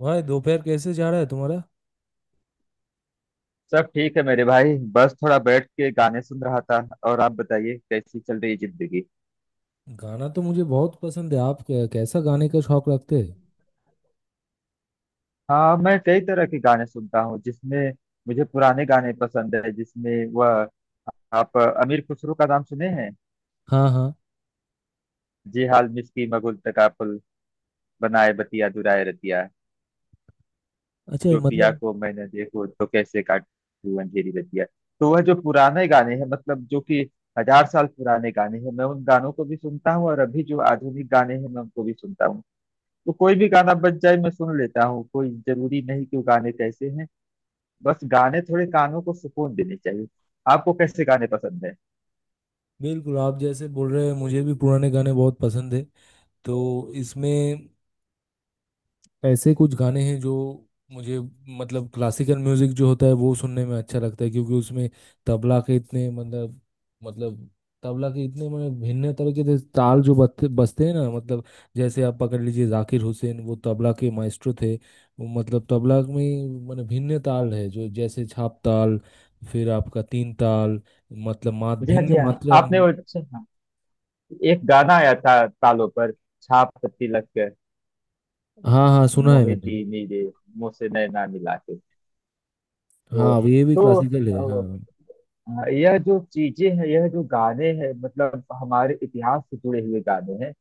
भाई दोपहर कैसे जा रहा है तुम्हारा। सब ठीक है मेरे भाई, बस थोड़ा बैठ के गाने सुन रहा था। और आप बताइए, कैसी चल रही है जिंदगी। गाना तो मुझे बहुत पसंद है, आप कैसा गाने का शौक रखते हैं। हाँ, मैं कई तरह के गाने सुनता हूँ, जिसमें मुझे पुराने गाने पसंद है, जिसमें वह आप अमीर खुसरो का नाम सुने हैं। हाँ हाँ। जे हाल मिसकी मगुल तकापुल, बनाए बतिया दुराए रतिया, अच्छा जो पिया मतलब। को मैंने देखो तो कैसे काटू अंधेरी रतिया। तो वह जो पुराने गाने हैं, मतलब जो कि 1000 साल पुराने गाने हैं, मैं उन गानों को भी सुनता हूँ, और अभी जो आधुनिक गाने हैं, मैं उनको भी सुनता हूँ। तो कोई भी गाना बज जाए मैं सुन लेता हूँ, कोई जरूरी नहीं कि वो गाने कैसे हैं। बस गाने थोड़े कानों को सुकून देने चाहिए। आपको कैसे गाने पसंद है। बिल्कुल आप जैसे बोल रहे हैं, मुझे भी पुराने गाने बहुत पसंद है। तो इसमें ऐसे कुछ गाने हैं जो मुझे, मतलब क्लासिकल म्यूजिक जो होता है वो सुनने में अच्छा लगता है, क्योंकि उसमें तबला के इतने मतलब, मतलब तबला के इतने मतलब भिन्न तरीके के ताल जो बजते बजते हैं ना, मतलब जैसे आप पकड़ लीजिए जाकिर हुसैन, वो तबला के माइस्ट्रो थे। वो मतलब तबला में मतलब भिन्न ताल है, जो जैसे छाप ताल, फिर आपका तीन ताल, मतलब मात जी हाँ, जी भिन्न हाँ। मात्रा। आपने वो अच्छा, हाँ, एक गाना आया था तालों पर, छाप तिलक, हाँ हाँ, सुना है मोहे मैंने। दी नीरे, मुझसे नैना मिला के। तो, हाँ ये भी तो क्लासिकल है, हाँ। हाँ, यह जो चीजें हैं, यह जो गाने हैं, मतलब हमारे इतिहास से जुड़े हुए गाने हैं।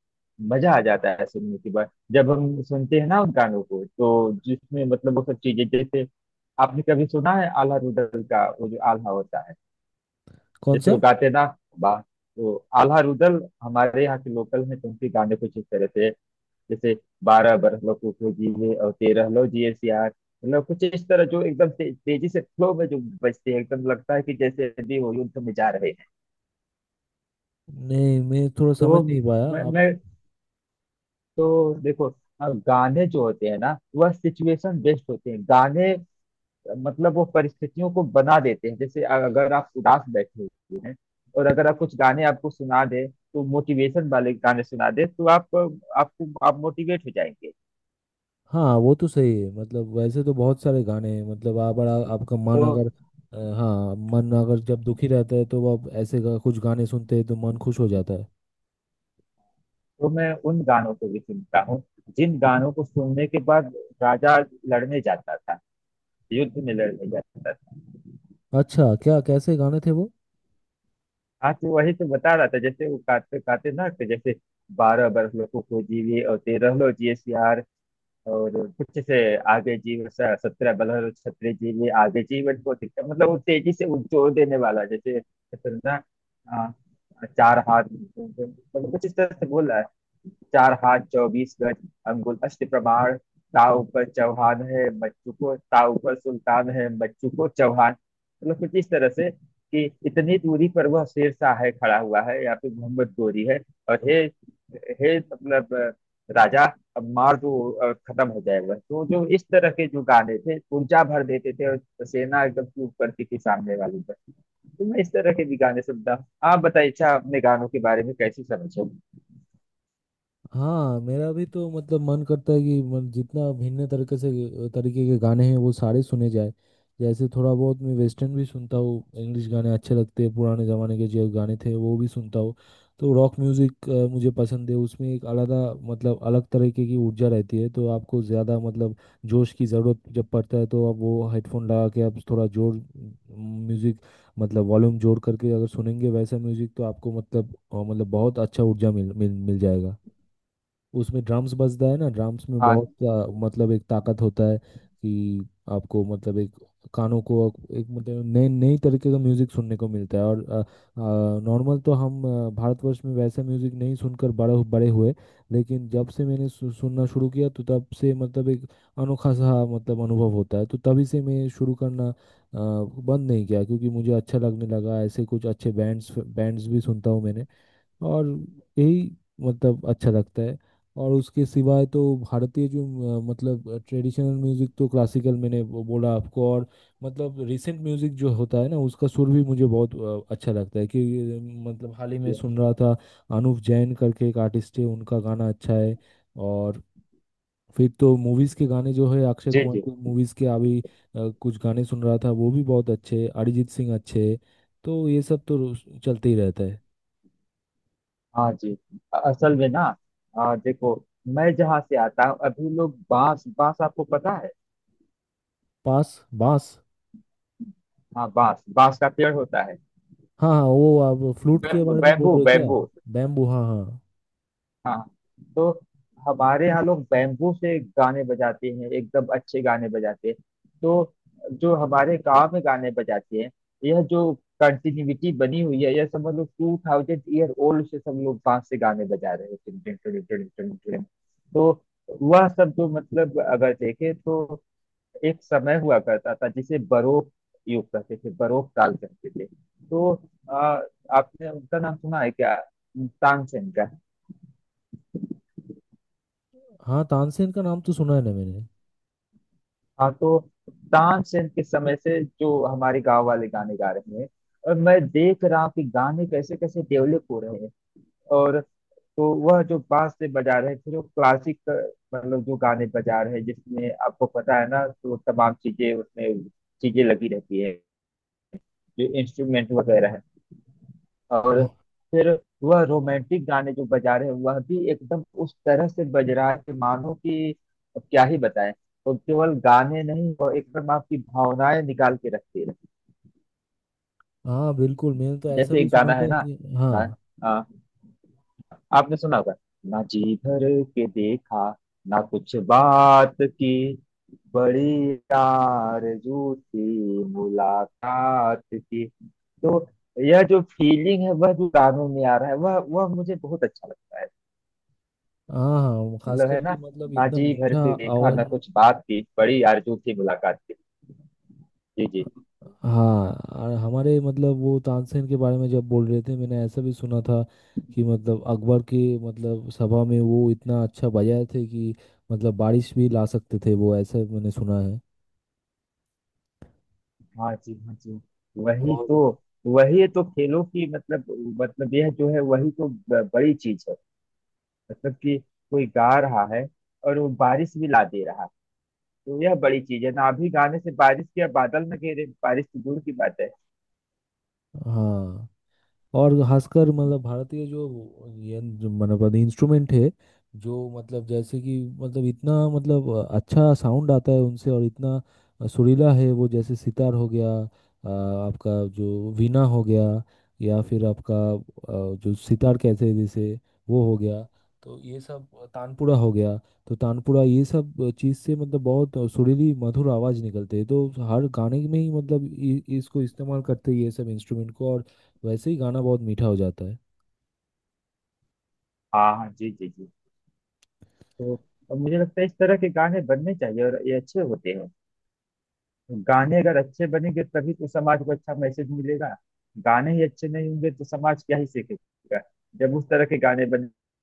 मजा आ जाता है सुनने के बाद, जब हम सुनते हैं ना उन गानों को, तो जिसमें मतलब वो सब चीजें, जैसे आपने कभी सुना है आल्हा रुदल का, वो जो आल्हा होता है कौन जैसे सा? वो गाते ना। वाह, तो आल्हा रुदल हमारे यहाँ के लोकल हैं, तो उनके गाने कुछ इस तरह से, जैसे, 12 बरस लो कुको जीवे और 13 लो जिए सियार। मतलब कुछ इस तरह, जो एकदम तेजी से फ्लो में जो बजते हैं, एकदम लगता है कि जैसे अभी वो युद्ध में जा रहे। नहीं, मैं थोड़ा तो समझ वो, नहीं पाया मैं, आप। मैं तो देखो, हाँ गाने जो होते हैं ना, वह सिचुएशन बेस्ड होते हैं गाने। मतलब वो परिस्थितियों को बना देते हैं। जैसे अगर आप उदास बैठे हुए हैं, और अगर आप कुछ गाने आपको सुना दे, तो मोटिवेशन वाले गाने सुना दे, तो आप आपको आप मोटिवेट हो जाएंगे। हाँ वो तो सही है, मतलब वैसे तो बहुत सारे गाने हैं, मतलब आप बड़ा, आपका मन तो अगर, हाँ मन अगर जब दुखी रहता है, तो आप ऐसे कुछ गाने सुनते हैं तो मन खुश हो जाता है। तो मैं उन गानों को भी सुनता हूँ, जिन गानों को सुनने के बाद राजा लड़ने जाता था, युद्ध में लड़ने जाता था। अच्छा, क्या कैसे गाने थे वो? हाँ तो वही तो बता रहा था, जैसे वो काटते काटते ना, तो जैसे, 12 बरस लोगों को जीवे और तेरह लो जीएसआर, और कुछ से आगे जीव 17 बरस लो छत्र जीवे आगे जीवन को दिखता। मतलब वो तेजी से वो जोर देने वाला जैसे जैसे ना। आ, 4 हाथ, मतलब कुछ इस तरह से बोला, 4 हाथ 24 गज अंगुल 8 प्रमाण, ताव पर चौहान है बच्चू को, ताव पर सुल्तान है बच्चू को चौहान। मतलब कुछ इस तरह से कि इतनी दूरी पर वह शेर शाह है खड़ा हुआ है, या फिर मोहम्मद गोरी है, और हे, हे मतलब राजा अब मार दो, और खत्म हो जाएगा। तो जो इस तरह के जो गाने थे, ऊर्जा भर देते थे, और सेना एकदम चूप करती थी सामने वाली पर। तो मैं इस तरह के भी गाने सुनता हूँ। आप बताइए, अच्छा, अपने गानों के बारे में कैसी समझ है। हाँ मेरा भी तो मतलब मन करता है कि मन जितना भिन्न तरीके के गाने हैं वो सारे सुने जाए। जैसे थोड़ा बहुत मैं वेस्टर्न भी सुनता हूँ, इंग्लिश गाने अच्छे लगते हैं, पुराने ज़माने के जो गाने थे वो भी सुनता हूँ। तो रॉक म्यूज़िक मुझे पसंद है, उसमें एक अलग मतलब अलग तरीके की ऊर्जा रहती है, तो आपको ज़्यादा मतलब जोश की ज़रूरत जब पड़ता है, तो आप वो हेडफोन लगा के आप थोड़ा जोर म्यूज़िक, मतलब वॉल्यूम जोड़ करके अगर सुनेंगे वैसा म्यूज़िक, तो आपको मतलब मतलब बहुत अच्छा ऊर्जा मिल मिल मिल जाएगा। उसमें ड्रम्स बजता है ना, ड्रम्स में हाँ बहुत मतलब एक ताकत होता है कि आपको मतलब एक कानों को, एक मतलब नए नई तरीके का म्यूजिक सुनने को मिलता है। और नॉर्मल तो हम भारतवर्ष में वैसा म्यूजिक नहीं सुनकर बड़े बड़े हुए। लेकिन जब से मैंने सुनना शुरू किया, तो तब से मतलब एक अनोखा सा मतलब अनुभव होता है, तो तभी से मैं शुरू करना बंद नहीं किया क्योंकि मुझे अच्छा लगने लगा। ऐसे कुछ अच्छे बैंड्स बैंड्स भी सुनता हूँ मैंने। और यही मतलब अच्छा लगता है। और उसके सिवाय तो भारतीय जो मतलब ट्रेडिशनल म्यूजिक, तो क्लासिकल मैंने वो बोला आपको, और मतलब रिसेंट म्यूजिक जो होता है ना, उसका सुर भी मुझे बहुत अच्छा लगता है कि मतलब हाल ही में जी, सुन रहा था, अनुव जैन करके एक आर्टिस्ट है, उनका गाना अच्छा है। और फिर तो मूवीज के गाने जो है, अक्षय जी कुमार के मूवीज के अभी कुछ गाने सुन रहा था, वो भी बहुत अच्छे हैं। अरिजीत सिंह अच्छे हैं। तो ये सब तो रोज चलते ही रहता है। हाँ जी। असल में ना, देखो, मैं जहाँ से आता हूँ, अभी लोग बांस बांस, आपको पता है। पास। बास। हाँ, बांस, बांस का पेड़ होता है। हाँ हाँ, वो आप फ्लूट के बारे में बोल बैम्बू, रहे हो क्या? बैम्बू। बैम्बू, हाँ हाँ। हाँ, तो हमारे यहाँ लोग बैम्बू से गाने बजाते हैं, एकदम अच्छे गाने बजाते हैं। तो जो हमारे गांव में गाने बजाते हैं, यह जो कंटिन्यूटी बनी हुई है, यह समझ लो 2000 year old से सब लोग बांस से गाने बजा रहे हैं। टिन टिन टिन टिन टिन टिन। तो वह सब जो मतलब अगर देखे तो, एक समय हुआ करता था जिसे बरोक युग कहते थे, बरोक काल कहते थे। तो आ, आपने उनका नाम सुना है क्या, तानसेन का। हाँ। तानसेन का नाम तो सुना है ना मैंने। हाँ, तो तानसेन के समय से जो हमारे गांव वाले गाने गा रहे हैं, और मैं देख रहा हूँ कि गाने कैसे कैसे डेवलप हो रहे हैं। और तो वह जो बांस से बजा रहे हैं, फिर वो क्लासिक, मतलब जो गाने बजा रहे हैं, जिसमें आपको पता है ना, तो तमाम चीजें उसमें चीजें लगी रहती है, जो इंस्ट्रूमेंट वगैरह है। और हाँ फिर वह रोमांटिक गाने जो बजा रहे हैं, वह भी एकदम उस तरह से बज रहा है कि मानो कि अब क्या ही बताएं। तो केवल गाने नहीं, वह एकदम आपकी भावनाएं निकाल के रखती है। हाँ, बिल्कुल मैंने तो ऐसा जैसे भी एक सुना गाना है था ना, कि ना हाँ आ, आपने सुना होगा, ना जी भर के देखा, ना कुछ बात की, बड़ी आरज़ू थी मुलाकात की। तो यह जो फीलिंग है, वह जो गानों में आ रहा है, वह मुझे बहुत अच्छा लगता है। हाँ। हाँ वो मतलब है खासकर ना, कि मतलब इतना बाजी भर मीठा के देखा आवाज। न कुछ बात थी, बड़ी आरजू थी मुलाकात की। जी जी, हाँ। और हमारे मतलब वो तानसेन के बारे में जब बोल रहे थे, मैंने ऐसा भी सुना था कि मतलब अकबर के मतलब सभा में वो इतना अच्छा बजाए थे कि मतलब बारिश भी ला सकते थे वो, ऐसा मैंने सुना है। हाँ जी, हाँ जी। वही और तो, वही तो खेलों की मतलब, मतलब यह जो है वही तो बड़ी चीज है, मतलब कि कोई गा रहा है और वो बारिश भी ला दे रहा है। तो यह बड़ी चीज है ना। अभी गाने से बारिश के बादल न घेरे, बारिश तो दूर की बात है। हाँ। और खासकर मतलब भारतीय जो ये जो मतलब इंस्ट्रूमेंट है, जो मतलब जैसे कि मतलब इतना मतलब अच्छा साउंड आता है उनसे, और इतना सुरीला है वो, जैसे सितार हो गया, आपका जो वीणा हो गया, या फिर आपका जो सितार कहते हैं जैसे, वो हो गया, तो ये सब, तानपुरा हो गया, तो तानपुरा ये सब चीज़ से मतलब बहुत सुरीली मधुर आवाज़ निकलते हैं, तो हर गाने में ही मतलब इसको इस्तेमाल करते हैं ये सब इंस्ट्रूमेंट को, और वैसे ही गाना बहुत मीठा हो जाता है। हाँ, हाँ जी, जी जी। तो अब मुझे लगता है इस तरह के गाने बनने चाहिए, और ये अच्छे होते हैं। गाने अगर अच्छे बनेंगे तभी तो समाज को अच्छा मैसेज मिलेगा। गाने ही अच्छे नहीं होंगे तो समाज क्या ही सीखेगा। जब उस तरह के गाने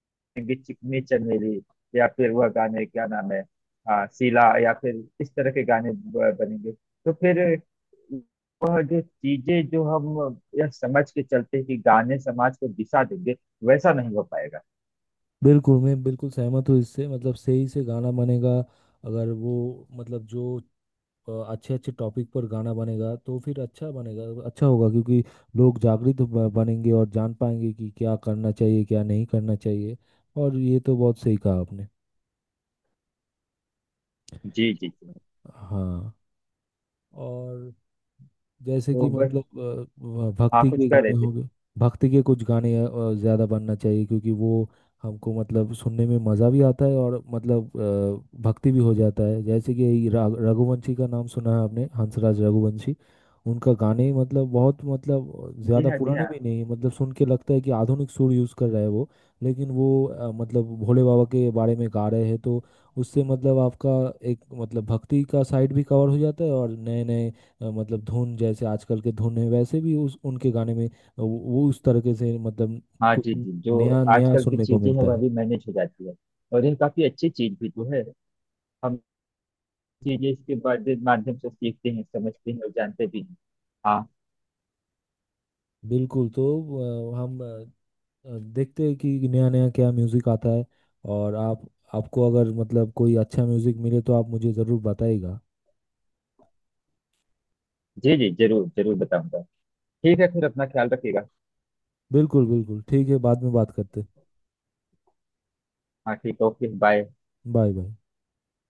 बनेंगे, चिकनी चमेली या फिर वह गाने क्या नाम है, सीला, या फिर इस तरह के गाने बनेंगे, तो फिर वह जो चीजें, जो हम यह समझ के चलते हैं कि गाने समाज को दिशा देंगे, वैसा नहीं हो पाएगा। बिल्कुल, मैं बिल्कुल सहमत हूँ इससे। मतलब सही से गाना बनेगा, अगर वो मतलब जो अच्छे अच्छे टॉपिक पर गाना बनेगा तो फिर अच्छा बनेगा, अच्छा होगा, क्योंकि लोग जागृत बनेंगे और जान पाएंगे कि क्या करना चाहिए क्या नहीं करना चाहिए। और ये तो बहुत सही कहा आपने। जी जी जी। हाँ। और जैसे तो कि बस, मतलब हाँ भक्ति कुछ के कह गाने रहे थे। हो गए। भक्ति के कुछ गाने ज़्यादा बनना चाहिए, क्योंकि वो हमको मतलब सुनने में मज़ा भी आता है, और मतलब भक्ति भी हो जाता है। जैसे कि रघुवंशी का नाम सुना है आपने, हंसराज रघुवंशी, उनका गाने मतलब बहुत मतलब जी ज़्यादा हाँ, जी पुराने हाँ। भी नहीं है, मतलब सुन के लगता है कि आधुनिक सुर यूज़ कर रहा है वो। लेकिन वो मतलब भोले बाबा के बारे में गा रहे हैं, तो उससे मतलब आपका एक मतलब भक्ति का साइड भी कवर हो जाता है, और नए नए मतलब धुन जैसे आजकल के धुन है वैसे भी उस उनके गाने में वो उस तरीके से मतलब हाँ कुछ जी, जी जो नया नया आजकल की सुनने को चीजें हैं मिलता वह है। भी मैनेज हो जाती है, और ये काफी अच्छी चीज भी तो है। हम चीजें इसके बाद माध्यम से सीखते हैं, समझते हैं, और जानते भी हैं। हाँ, बिल्कुल। तो अ, हम अ, देखते हैं कि नया नया क्या म्यूज़िक आता है। और आप आपको अगर मतलब कोई अच्छा म्यूज़िक मिले तो आप मुझे ज़रूर बताइएगा। जी जी, जरूर जरूर बताऊंगा। ठीक है, फिर अपना ख्याल रखिएगा। बिल्कुल बिल्कुल ठीक है, बाद में बात करते। हाँ ठीक है, ओके बाय। Bye bye.